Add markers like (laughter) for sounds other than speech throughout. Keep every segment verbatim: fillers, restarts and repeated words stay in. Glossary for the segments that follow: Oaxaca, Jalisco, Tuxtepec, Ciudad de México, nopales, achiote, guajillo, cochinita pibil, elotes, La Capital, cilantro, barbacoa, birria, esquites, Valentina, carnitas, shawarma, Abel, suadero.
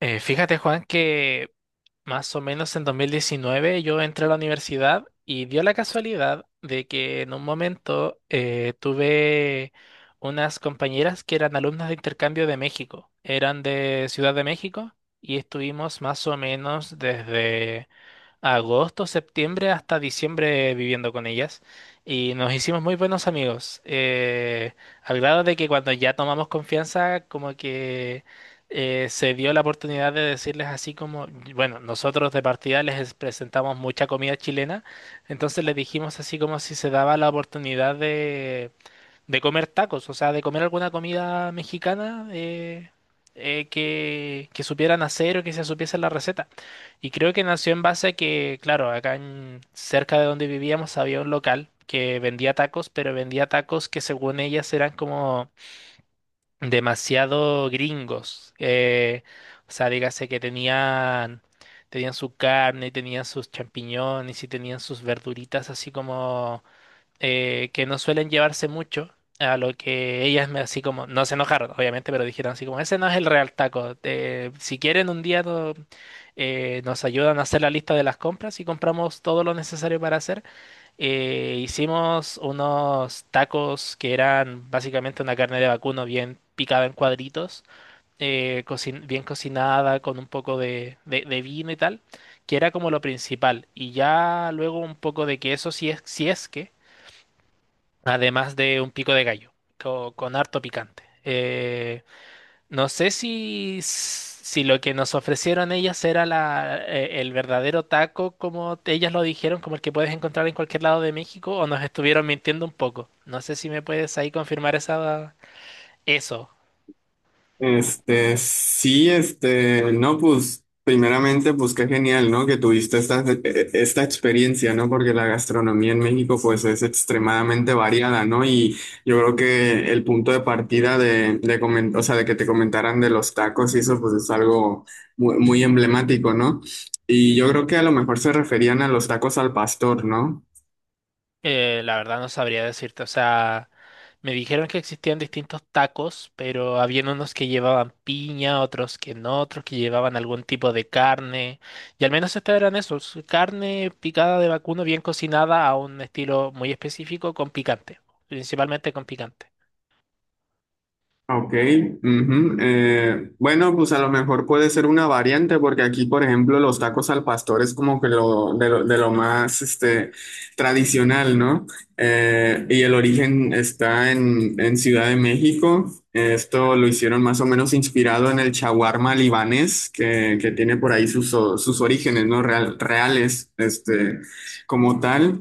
Eh, fíjate, Juan, que más o menos en dos mil diecinueve yo entré a la universidad y dio la casualidad de que en un momento eh, tuve unas compañeras que eran alumnas de intercambio de México. Eran de Ciudad de México y estuvimos más o menos desde agosto, septiembre hasta diciembre viviendo con ellas y nos hicimos muy buenos amigos, eh, al grado de que cuando ya tomamos confianza, como que eh, se dio la oportunidad de decirles así como, bueno, nosotros de partida les presentamos mucha comida chilena, entonces les dijimos así como si se daba la oportunidad de de comer tacos, o sea, de comer alguna comida mexicana eh, eh, que, que supieran hacer o que se supiese la receta. Y creo que nació en base a que, claro, acá en, cerca de donde vivíamos había un local que vendía tacos, pero vendía tacos que según ellas eran como demasiado gringos. Eh, o sea, dígase que tenían. Tenían su carne, tenían sus champiñones y tenían sus verduritas así como eh, que no suelen llevarse mucho, a lo que ellas me así como, no se enojaron, obviamente, pero dijeron así como, ese no es el real taco. Eh, si quieren un día no- eh, nos ayudan a hacer la lista de las compras y compramos todo lo necesario para hacer. Eh, hicimos unos tacos que eran básicamente una carne de vacuno bien picada en cuadritos, eh, cocin- bien cocinada con un poco de, de de vino y tal, que era como lo principal. Y ya luego un poco de queso, si es, si es que además de un pico de gallo, co- con harto picante. Eh, no sé si, si lo que nos ofrecieron ellas era la, eh, el verdadero taco, como ellas lo dijeron, como el que puedes encontrar en cualquier lado de México, o nos estuvieron mintiendo un poco. No sé si me puedes ahí confirmar esa, eso. Este, sí, este, no, pues, primeramente, pues qué genial, ¿no? Que tuviste esta, eh, esta experiencia, ¿no? Porque la gastronomía en México, pues, es extremadamente variada, ¿no? Y yo creo que el punto de partida de, de comen- o sea, de que te comentaran de los tacos y eso, pues, es algo muy, muy emblemático, ¿no? Y yo creo que a lo mejor se referían a los tacos al pastor, ¿no? Eh, la verdad no sabría decirte, o sea, me dijeron que existían distintos tacos, pero habían unos que llevaban piña, otros que no, otros que llevaban algún tipo de carne, y al menos estos eran esos, carne picada de vacuno bien cocinada a un estilo muy específico con picante, principalmente con picante. Ok, ujú, eh, bueno, pues a lo mejor puede ser una variante porque aquí, por ejemplo, los tacos al pastor es como que lo de lo, de lo más este, tradicional, ¿no? Eh, y el origen está en, en Ciudad de México. Esto lo hicieron más o menos inspirado en el shawarma libanés que, que tiene por ahí sus, o- sus orígenes, ¿no? Real- reales, este, como tal.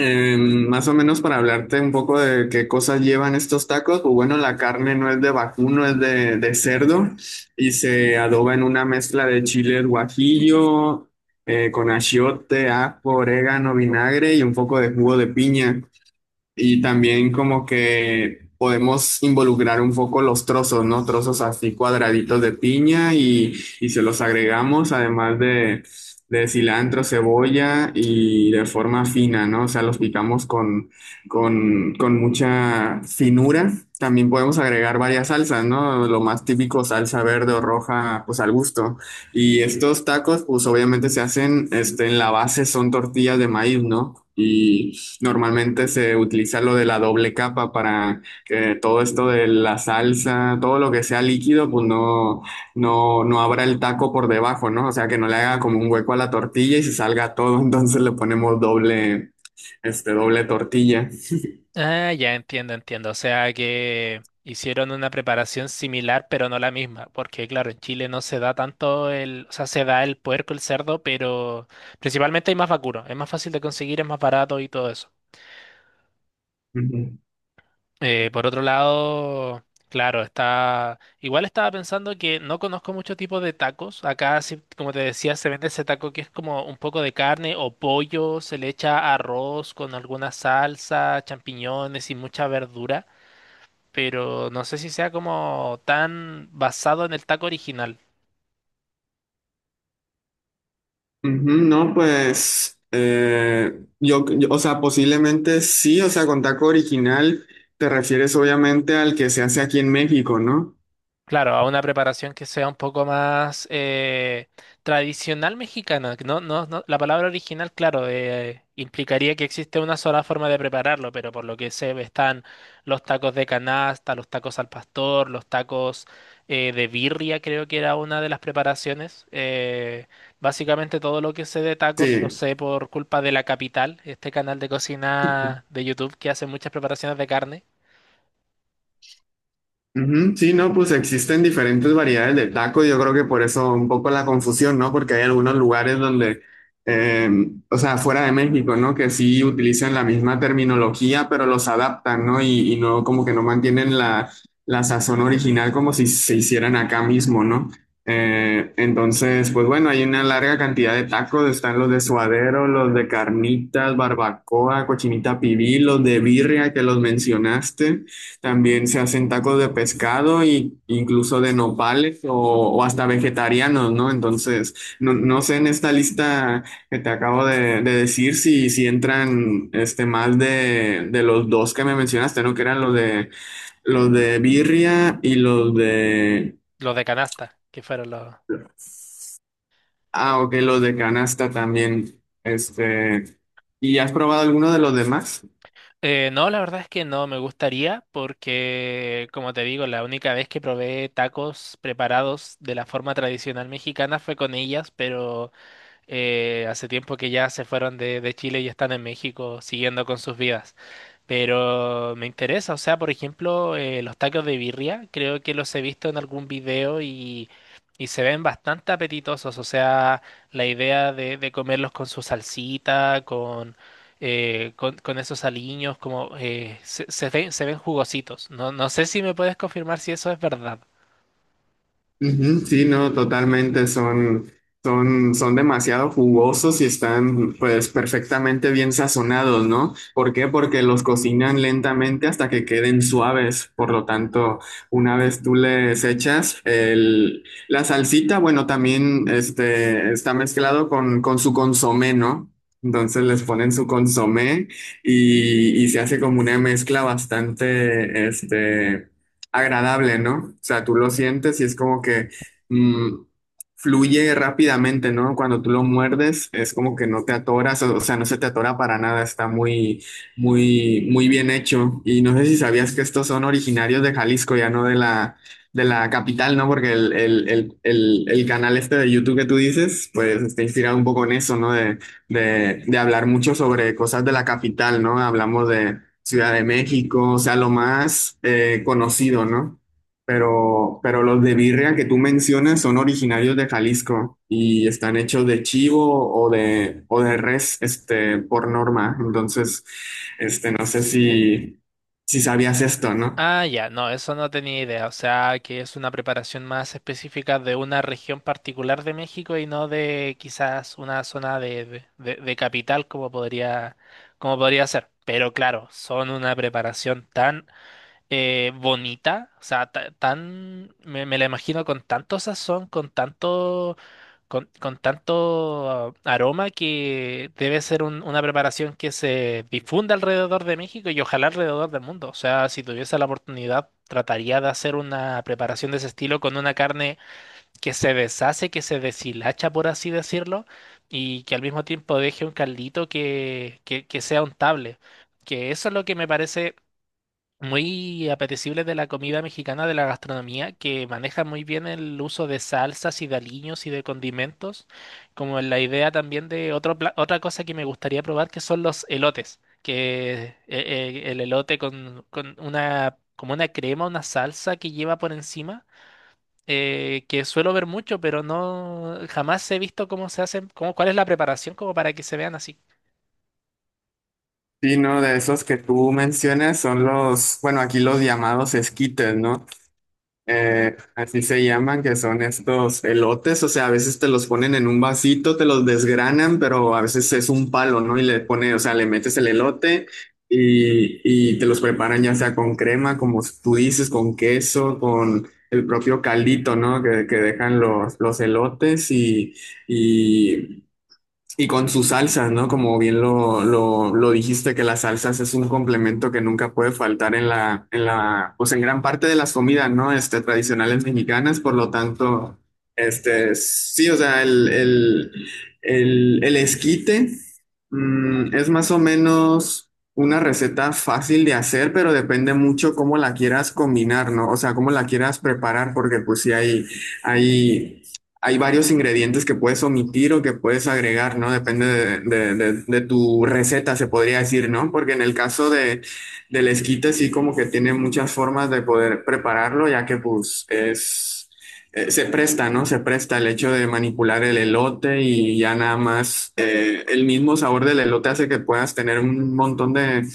Eh, más o menos para hablarte un poco de qué cosas llevan estos tacos, pues bueno, la carne no es de vacuno, no es de, de cerdo y se adoba en una mezcla de chiles guajillo, eh, con achiote, ajo, orégano, vinagre y un poco de jugo de piña. Y también como que podemos involucrar un poco los trozos, ¿no? Trozos así cuadraditos de piña y, y se los agregamos, además de, de cilantro, cebolla y de forma fina, ¿no? O sea, los picamos con, con, con mucha finura. También podemos agregar varias salsas, ¿no? Lo más típico, salsa verde o roja, pues al gusto. Y estos tacos, pues obviamente se hacen, este, en la base son tortillas de maíz, ¿no? Normalmente se utiliza lo de la doble capa para que todo esto de la salsa, todo lo que sea líquido, pues no, no, no abra el taco por debajo, ¿no? O sea, que no le haga como un hueco a la tortilla y se salga todo, (laughs) entonces le ponemos doble, este, doble tortilla. Ah, ya entiendo, entiendo. O sea que hicieron una preparación similar, pero no la misma, porque claro, en Chile no se da tanto el, o sea, se da el puerco, el cerdo, pero principalmente hay más vacuno, es más fácil de conseguir, es más barato y todo eso. Ujú. Eh, por otro lado, claro, está, igual estaba pensando que no conozco muchos tipos de tacos. Acá, sí, como te decía, se vende ese taco que es como un poco de carne o pollo, se le echa arroz con alguna salsa, champiñones y mucha verdura. Pero no sé si sea como tan basado en el taco original. Ujú, no, pues eh, yo, yo- o sea, posiblemente sí, o sea, con taco original te refieres obviamente al que se hace aquí en México, ¿no? Claro, a una preparación que sea un poco más eh, tradicional mexicana. Que no, no, no- la palabra original, claro, eh, implicaría que existe una sola forma de prepararlo, pero por lo que sé están los tacos de canasta, los tacos al pastor, los tacos eh, de birria, creo que era una de las preparaciones. Eh, básicamente todo lo que sé de tacos lo Sí. sé por culpa de La Capital, este canal de cocina de YouTube que hace muchas preparaciones de carne, Ujú, sí, no, pues existen diferentes variedades de taco. Yo creo que por eso un poco la confusión, ¿no? Porque hay algunos lugares donde, eh, o sea, fuera de México, ¿no? Que sí utilizan la misma terminología, pero los adaptan, ¿no? Y, y no, como que no mantienen la, la sazón original como si se hicieran acá mismo, ¿no? Eh, entonces, pues bueno, hay una larga cantidad de tacos. Están los de suadero, los de carnitas, barbacoa, cochinita pibil, los de birria que los mencionaste. También se hacen tacos de pescado y incluso de nopales o, o hasta vegetarianos, ¿no? Entonces, no, no sé en esta lista que te acabo de, de decir si, si entran este más de, de los dos que me mencionaste, ¿no? Que eran los de los de birria y los de los de canasta, que fueron los. ah, ok, los de canasta también. Este, ¿y has probado alguno de los demás? Eh, no, la verdad es que no me gustaría porque, como te digo, la única vez que probé tacos preparados de la forma tradicional mexicana fue con ellas, pero eh, hace tiempo que ya se fueron de, de Chile y están en México siguiendo con sus vidas. Pero me interesa, o sea, por ejemplo, eh, los tacos de birria, creo que los he visto en algún video y, y se ven bastante apetitosos, o sea, la idea de, de comerlos con su salsita, con, eh, con, con esos aliños, como eh, se, se ven, se ven jugositos. No, no sé si me puedes confirmar si eso es verdad. Ujú, sí, no, totalmente, son, son, son demasiado jugosos y están pues perfectamente bien sazonados, ¿no? ¿Por qué? Porque los cocinan lentamente hasta que queden suaves, por lo tanto, una vez tú les echas el, la salsita, bueno, también este, está mezclado con, con su consomé, ¿no? Entonces les ponen su consomé y, y se hace como una mezcla bastante, este agradable, ¿no? O sea, tú lo sientes y es como que mm, fluye rápidamente, ¿no? Cuando tú lo muerdes, es como que no te atoras, o, o sea, no se te atora para nada, está muy, muy, muy bien hecho. Y no sé si sabías que estos son originarios de Jalisco, ya no de la, de la capital, ¿no? Porque el, el, el, el, el canal este de YouTube que tú dices, pues está inspirado un poco en eso, ¿no? De, de, de hablar mucho sobre cosas de la capital, ¿no? Hablamos de Ciudad de México, o sea, lo más eh, conocido, ¿no? Pero, pero los de birria que tú mencionas son originarios de Jalisco y están hechos de chivo o de, o de res, este, por norma. Entonces, este, no sé si, si sabías esto, ¿no? Ah, ya, no, eso no tenía idea. O sea, que es una preparación más específica de una región particular de México y no de quizás una zona de, de, de- de capital como podría, como podría ser. Pero claro, son una preparación tan eh, bonita, o sea, ta- tan, me, me la imagino con tanto sazón, con tanto, con, con tanto ah, aroma que debe ser un- una preparación que se difunda alrededor de México y ojalá alrededor del mundo. O sea, si tuviese la oportunidad, trataría de hacer una preparación de ese estilo con una carne que se deshace, que se deshilacha, por así decirlo, y que al mismo tiempo deje un caldito que, que, que sea untable. Que eso es lo que me parece muy apetecibles de la comida mexicana, de la gastronomía, que manejan muy bien el uso de salsas y de aliños y de condimentos, como la idea también de otro, pla- otra cosa que me gustaría probar, que son los elotes, que eh, eh, el elote con, con una, como una crema, una salsa que lleva por encima. Eh, que suelo ver mucho, pero no jamás he visto cómo se hacen, cómo, cuál es la preparación como para que se vean así. Sí, no, de esos que tú mencionas son los, bueno, aquí los llamados esquites, ¿no? Eh, así se llaman, que son estos elotes, o sea, a veces te los ponen en un vasito, te los desgranan, pero a veces es un palo, ¿no? Y le pone, o sea, le metes el elote y, y te los preparan ya sea con crema, como tú dices, con queso, con el propio caldito, ¿no? Que, que dejan los, los elotes y, y y con sus salsas, ¿no? Como bien lo, lo, lo dijiste, que las salsas es un complemento que nunca puede faltar en la, en la, pues en gran parte de las comidas, ¿no? Este, tradicionales mexicanas, por lo tanto, este, sí, o sea, el, el, el, el esquite, mm, es más o menos una receta fácil de hacer, pero depende mucho cómo la quieras combinar, ¿no? O sea, cómo la quieras preparar, porque pues sí hay, hay hay varios ingredientes que puedes omitir o que puedes agregar, ¿no? Depende de, de- de- de tu receta, se podría decir, ¿no? Porque en el caso de, del esquite sí como que tiene muchas formas de poder prepararlo, ya que pues es, eh, se presta, ¿no? Se presta el hecho de manipular el elote y ya nada más eh, el mismo sabor del elote hace que puedas tener un montón de,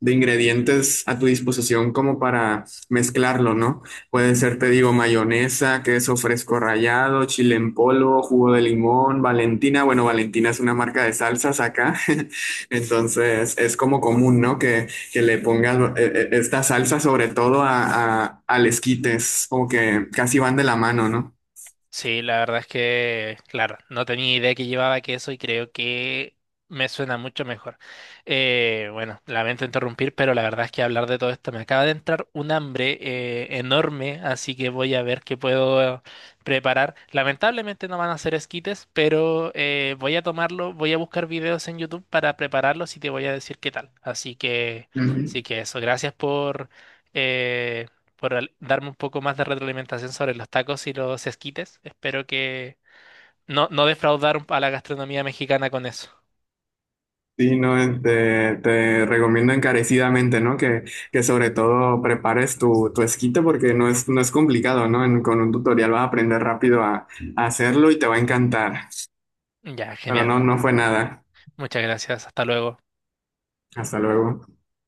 de ingredientes a tu disposición como para mezclarlo, ¿no? Puede ser, te digo, mayonesa, queso fresco rallado, chile en polvo, jugo de limón, Valentina. Bueno, Valentina es una marca de salsas acá. (laughs) Entonces, es como común, ¿no? Que, que le pongas eh, eh, esta salsa sobre todo a, a, al esquites como que casi van de la mano, ¿no? Sí, la verdad es que, claro, no tenía idea que llevaba queso y creo que me suena mucho mejor. Eh, bueno, lamento interrumpir, pero la verdad es que hablar de todo esto me acaba de entrar un hambre eh, enorme, así que voy a ver qué puedo preparar. Lamentablemente no van a ser esquites, pero eh, voy a tomarlo, voy a buscar videos en YouTube para prepararlos y te voy a decir qué tal. Así que, sí Ujú. que eso, gracias por. eh, por al- Darme un poco más de retroalimentación sobre los tacos y los esquites. Espero que no, no defraudar a la gastronomía mexicana con eso. Sí, no, eh, te, te recomiendo encarecidamente, ¿no? Que, que sobre todo prepares tu, tu esquite porque no es, no es complicado, ¿no? En- con un tutorial vas a aprender rápido a a hacerlo y te va a encantar. Ya, Pero genial. no, mu- no fue nada. Muchas gracias. Hasta luego. Hasta luego.